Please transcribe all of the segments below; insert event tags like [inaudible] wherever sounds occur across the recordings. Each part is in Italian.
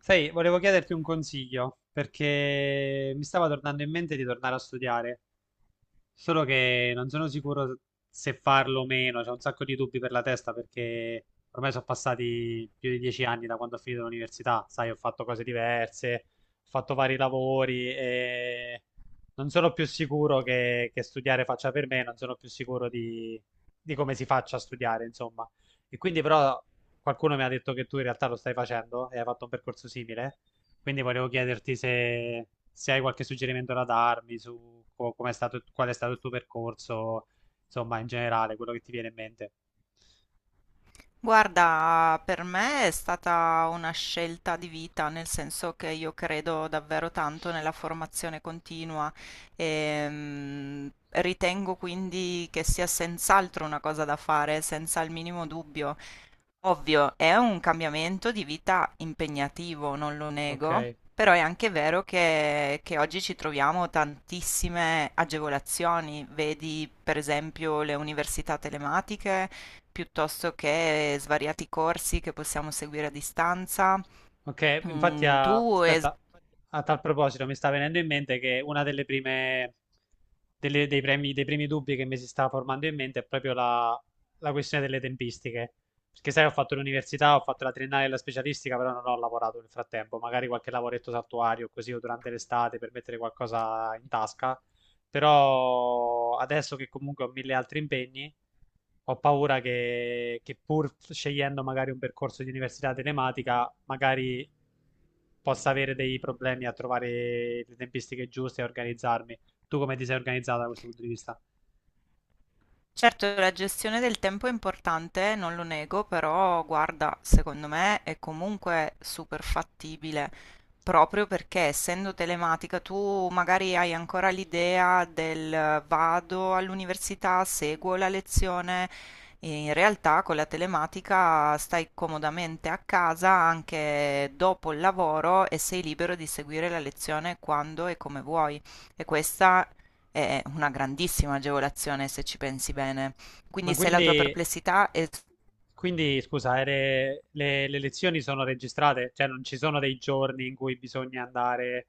Sai, volevo chiederti un consiglio perché mi stava tornando in mente di tornare a studiare. Solo che non sono sicuro se farlo o meno, c'ho un sacco di dubbi per la testa perché ormai sono passati più di 10 anni da quando ho finito l'università, sai, ho fatto cose diverse, ho fatto vari lavori e non sono più sicuro che studiare faccia per me, non sono più sicuro di come si faccia a studiare, insomma. E quindi però qualcuno mi ha detto che tu in realtà lo stai facendo e hai fatto un percorso simile, quindi volevo chiederti se hai qualche suggerimento da darmi su com'è stato, qual è stato il tuo percorso, insomma, in generale, quello che ti viene in mente. Guarda, per me è stata una scelta di vita, nel senso che io credo davvero tanto nella formazione continua e ritengo quindi che sia senz'altro una cosa da fare, senza il minimo dubbio. Ovvio, è un cambiamento di vita impegnativo, non lo nego, Ok. però è anche vero che oggi ci troviamo tantissime agevolazioni, vedi per esempio le università telematiche piuttosto che svariati corsi che possiamo seguire a distanza. Ok, infatti Mm, tu es- aspetta, a tal proposito mi sta venendo in mente che una delle prime, delle- dei premi- dei primi dubbi che mi si sta formando in mente è proprio la questione delle tempistiche. Perché sai, ho fatto l'università, ho fatto la triennale e la specialistica, però non ho lavorato nel frattempo, magari qualche lavoretto saltuario così o durante l'estate per mettere qualcosa in tasca, però adesso che comunque ho mille altri impegni, ho paura che pur scegliendo magari un percorso di università telematica, magari possa avere dei problemi a trovare le tempistiche giuste e organizzarmi. Tu come ti sei organizzata da questo punto di vista? Certo, la gestione del tempo è importante, non lo nego, però guarda, secondo me è comunque super fattibile, proprio perché essendo telematica tu magari hai ancora l'idea del vado all'università, seguo la lezione, e in realtà con la telematica stai comodamente a casa anche dopo il lavoro e sei libero di seguire la lezione quando e come vuoi. E questa è una grandissima agevolazione se ci pensi bene. Ma Quindi se la tua quindi, perplessità è quindi scusa, le lezioni sono registrate? Cioè non ci sono dei giorni in cui bisogna andare,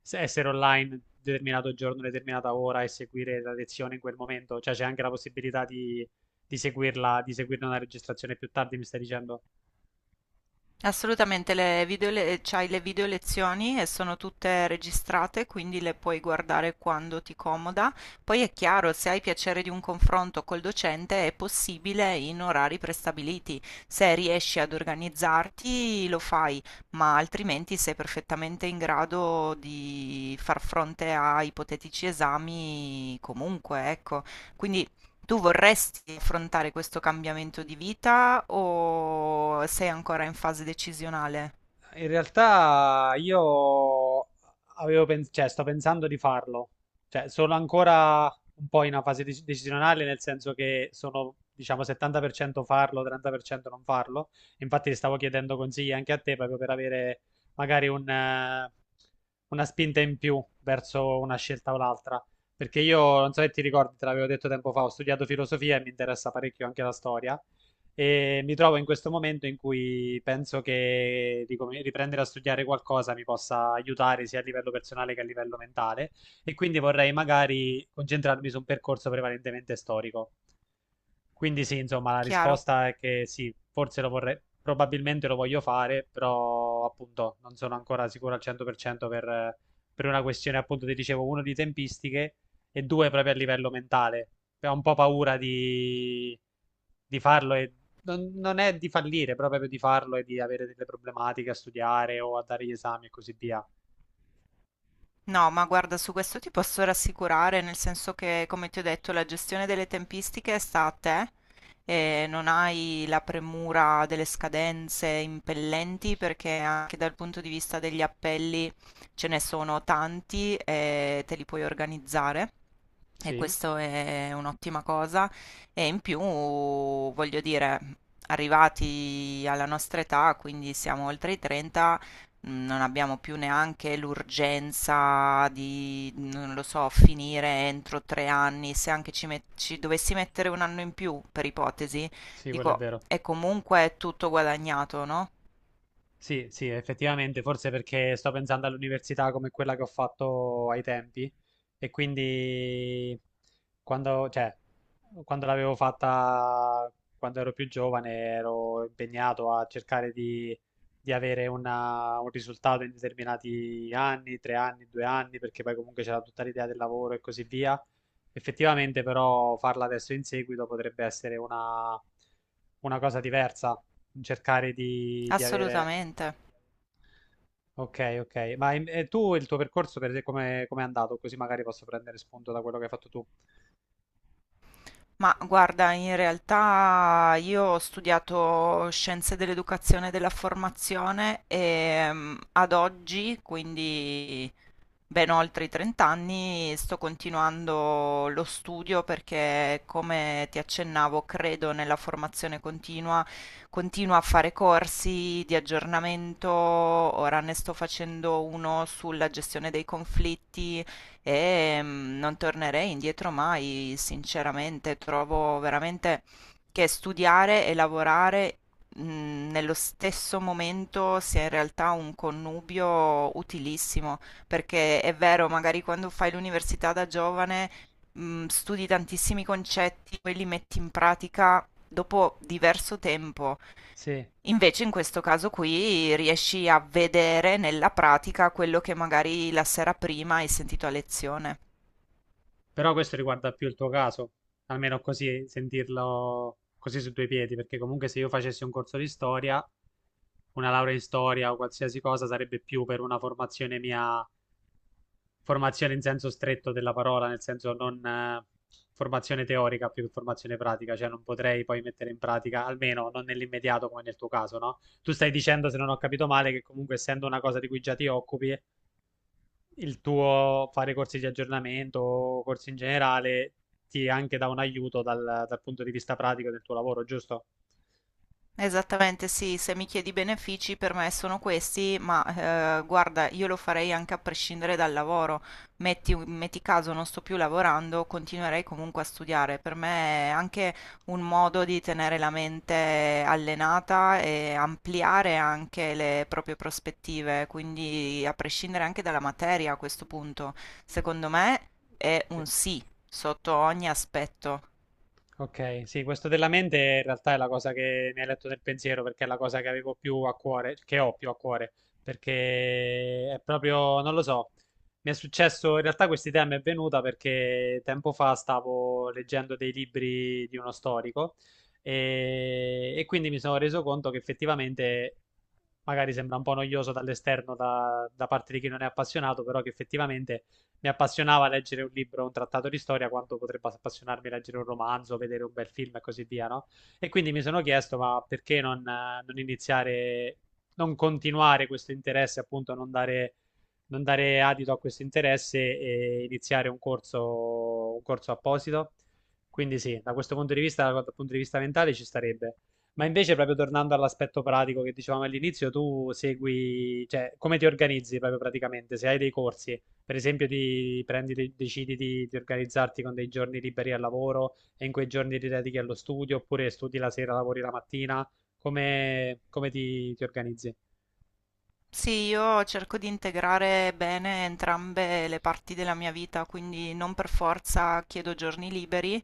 essere online determinato giorno, determinata ora e seguire la lezione in quel momento? Cioè c'è anche la possibilità di seguirla, di seguirne una registrazione più tardi, mi stai dicendo? assolutamente c'hai le video lezioni e sono tutte registrate, quindi le puoi guardare quando ti comoda. Poi è chiaro, se hai piacere di un confronto col docente è possibile in orari prestabiliti. Se riesci ad organizzarti lo fai, ma altrimenti sei perfettamente in grado di far fronte a ipotetici esami comunque, ecco. Quindi Tu vorresti affrontare questo cambiamento di vita o sei ancora in fase decisionale? In realtà io cioè, sto pensando di farlo, cioè, sono ancora un po' in una fase decisionale, nel senso che sono, diciamo, 70% farlo, 30% non farlo. Infatti, stavo chiedendo consigli anche a te proprio per avere magari un, una spinta in più verso una scelta o l'altra. Perché io non so se ti ricordi, te l'avevo detto tempo fa, ho studiato filosofia e mi interessa parecchio anche la storia. E mi trovo in questo momento in cui penso che riprendere a studiare qualcosa mi possa aiutare sia a livello personale che a livello mentale, e quindi vorrei magari concentrarmi su un percorso prevalentemente storico. Quindi sì, insomma, la Chiaro? risposta è che sì, forse lo vorrei, probabilmente lo voglio fare, però appunto non sono ancora sicuro al 100% per una questione appunto, ti dicevo, uno di tempistiche e due proprio a livello mentale. Ho un po' paura di farlo e non è di fallire, però proprio di farlo e di avere delle problematiche a studiare o a dare gli esami e così via. No, ma guarda, su questo ti posso rassicurare, nel senso che, come ti ho detto, la gestione delle tempistiche sta a te e non hai la premura delle scadenze impellenti perché anche dal punto di vista degli appelli ce ne sono tanti e te li puoi organizzare. E Sì, questo è un'ottima cosa. E in più, voglio dire, arrivati alla nostra età, quindi siamo oltre i 30, non abbiamo più neanche l'urgenza di, non lo so, finire entro 3 anni. Se anche ci dovessi mettere un anno in più, per ipotesi, sì, quello è dico, vero. è comunque tutto guadagnato, no? Sì, sì, effettivamente, forse perché sto pensando all'università come quella che ho fatto ai tempi e quindi quando, cioè, quando l'avevo fatta, quando ero più giovane, ero impegnato a cercare di avere un risultato in determinati anni, tre anni, due anni, perché poi comunque c'era tutta l'idea del lavoro e così via. Effettivamente, però, farla adesso in seguito potrebbe essere una cosa diversa, cercare di avere. Assolutamente. Ok, ok. Ma e tu il tuo percorso per te come come è andato? Così magari posso prendere spunto da quello che hai fatto tu. Ma guarda, in realtà io ho studiato scienze dell'educazione e della formazione e ad oggi, quindi ben oltre i 30 anni, sto continuando lo studio perché, come ti accennavo, credo nella formazione continua, continuo a fare corsi di aggiornamento, ora ne sto facendo uno sulla gestione dei conflitti e non tornerei indietro mai, sinceramente, trovo veramente che studiare e lavorare nello stesso momento sia in realtà un connubio utilissimo, perché è vero, magari quando fai l'università da giovane studi tantissimi concetti, poi li metti in pratica dopo diverso tempo. Sì, Invece in questo caso qui riesci a vedere nella pratica quello che magari la sera prima hai sentito a lezione. però questo riguarda più il tuo caso, almeno così sentirlo così su due piedi, perché comunque se io facessi un corso di storia, una laurea in storia o qualsiasi cosa sarebbe più per una formazione mia. Formazione in senso stretto della parola, nel senso non formazione teorica più che formazione pratica, cioè non potrei poi mettere in pratica, almeno non nell'immediato come nel tuo caso, no? Tu stai dicendo, se non ho capito male, che comunque essendo una cosa di cui già ti occupi, il tuo fare corsi di aggiornamento o corsi in generale ti anche dà un aiuto dal punto di vista pratico del tuo lavoro, giusto? Esattamente, sì, se mi chiedi benefici per me sono questi, ma guarda, io lo farei anche a prescindere dal lavoro. Metti caso non sto più lavorando, continuerei comunque a studiare. Per me è anche un modo di tenere la mente allenata e ampliare anche le proprie prospettive, quindi a prescindere anche dalla materia a questo punto, secondo me è Sì. un sì sotto ogni aspetto. Ok, sì, questo della mente in realtà è la cosa che mi hai letto nel pensiero perché è la cosa che avevo più a cuore, che ho più a cuore, perché è proprio, non lo so, mi è successo, in realtà questa idea mi è venuta perché tempo fa stavo leggendo dei libri di uno storico e quindi mi sono reso conto che effettivamente, magari sembra un po' noioso dall'esterno da parte di chi non è appassionato, però che effettivamente mi appassionava leggere un libro, un trattato di storia, quanto potrebbe appassionarmi leggere un romanzo, vedere un bel film e così via, no? E quindi mi sono chiesto, ma perché non, non iniziare, non continuare questo interesse, appunto, non dare adito a questo interesse e iniziare un corso apposito? Quindi sì, da questo punto di vista, dal punto di vista mentale ci starebbe. Ma invece, proprio tornando all'aspetto pratico che dicevamo all'inizio, tu segui, cioè, come ti organizzi proprio praticamente? Se hai dei corsi, per esempio, ti prendi, decidi di organizzarti con dei giorni liberi al lavoro e in quei giorni ti dedichi allo studio, oppure studi la sera, lavori la mattina, come, come ti organizzi? Sì, io cerco di integrare bene entrambe le parti della mia vita, quindi non per forza chiedo giorni liberi,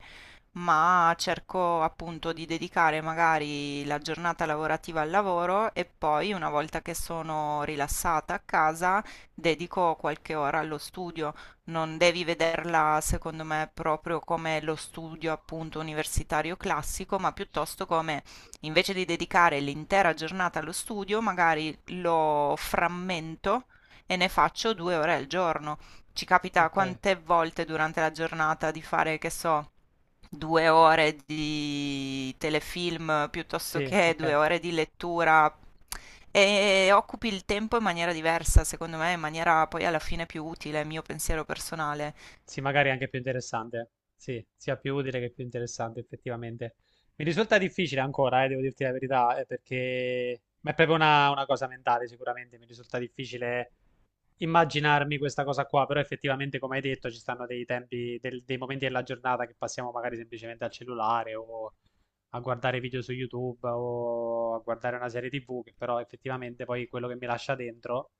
ma Eh. cerco appunto di dedicare magari la giornata lavorativa al lavoro e poi una volta che sono rilassata a casa dedico qualche ora allo studio. Non devi vederla secondo me proprio come lo studio appunto universitario classico, ma piuttosto come, invece di dedicare l'intera giornata allo studio, magari lo frammento e ne faccio 2 ore al giorno. Ci capita Ok, quante volte durante la giornata di fare, che so, 2 ore di telefilm piuttosto sì, che due ok. ore di lettura e occupi il tempo in maniera diversa, secondo me, in maniera poi alla fine più utile, mio pensiero personale. Sì, magari è anche più interessante. Sì, sia più utile che più interessante, effettivamente. Mi risulta difficile ancora, devo dirti la verità, perché ma è proprio una cosa mentale, sicuramente. Mi risulta difficile immaginarmi questa cosa qua, però effettivamente, come hai detto, ci stanno dei tempi, dei momenti della giornata che passiamo magari semplicemente al cellulare o a guardare video su YouTube o a guardare una serie TV, che però effettivamente poi quello che mi lascia dentro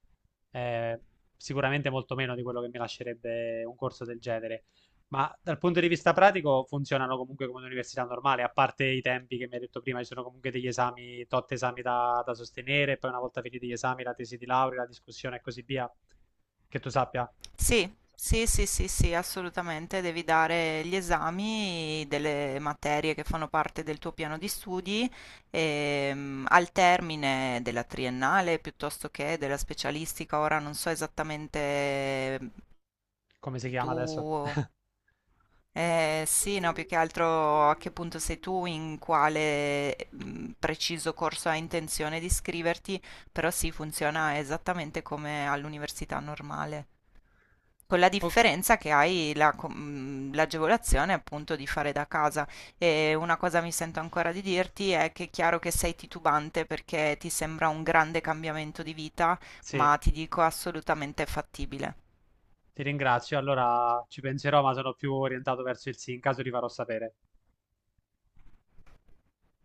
eh, sicuramente molto meno di quello che mi lascerebbe un corso del genere. Ma dal punto di vista pratico funzionano comunque come un'università normale, a parte i tempi che mi hai detto prima, ci sono comunque degli esami, tot esami da sostenere, poi una volta finiti gli esami, la tesi di laurea, la discussione e così via. Che tu sappia Sì, sì, sì, sì, sì, assolutamente, devi dare gli esami delle materie che fanno parte del tuo piano di studi al termine della triennale piuttosto che della specialistica. Ora non so esattamente come si tu chiama adesso. [laughs] eh, sì, no, più che altro a che punto sei tu, in quale preciso corso hai intenzione di iscriverti, però sì, funziona esattamente come all'università normale, con la O-. differenza che hai la l'agevolazione appunto di fare da casa. E una cosa mi sento ancora di dirti è che è chiaro che sei titubante perché ti sembra un grande cambiamento di vita, Sì, ma ti dico assolutamente fattibile. ti ringrazio. Allora ci penserò, ma sono più orientato verso il sì. In caso ti farò sapere.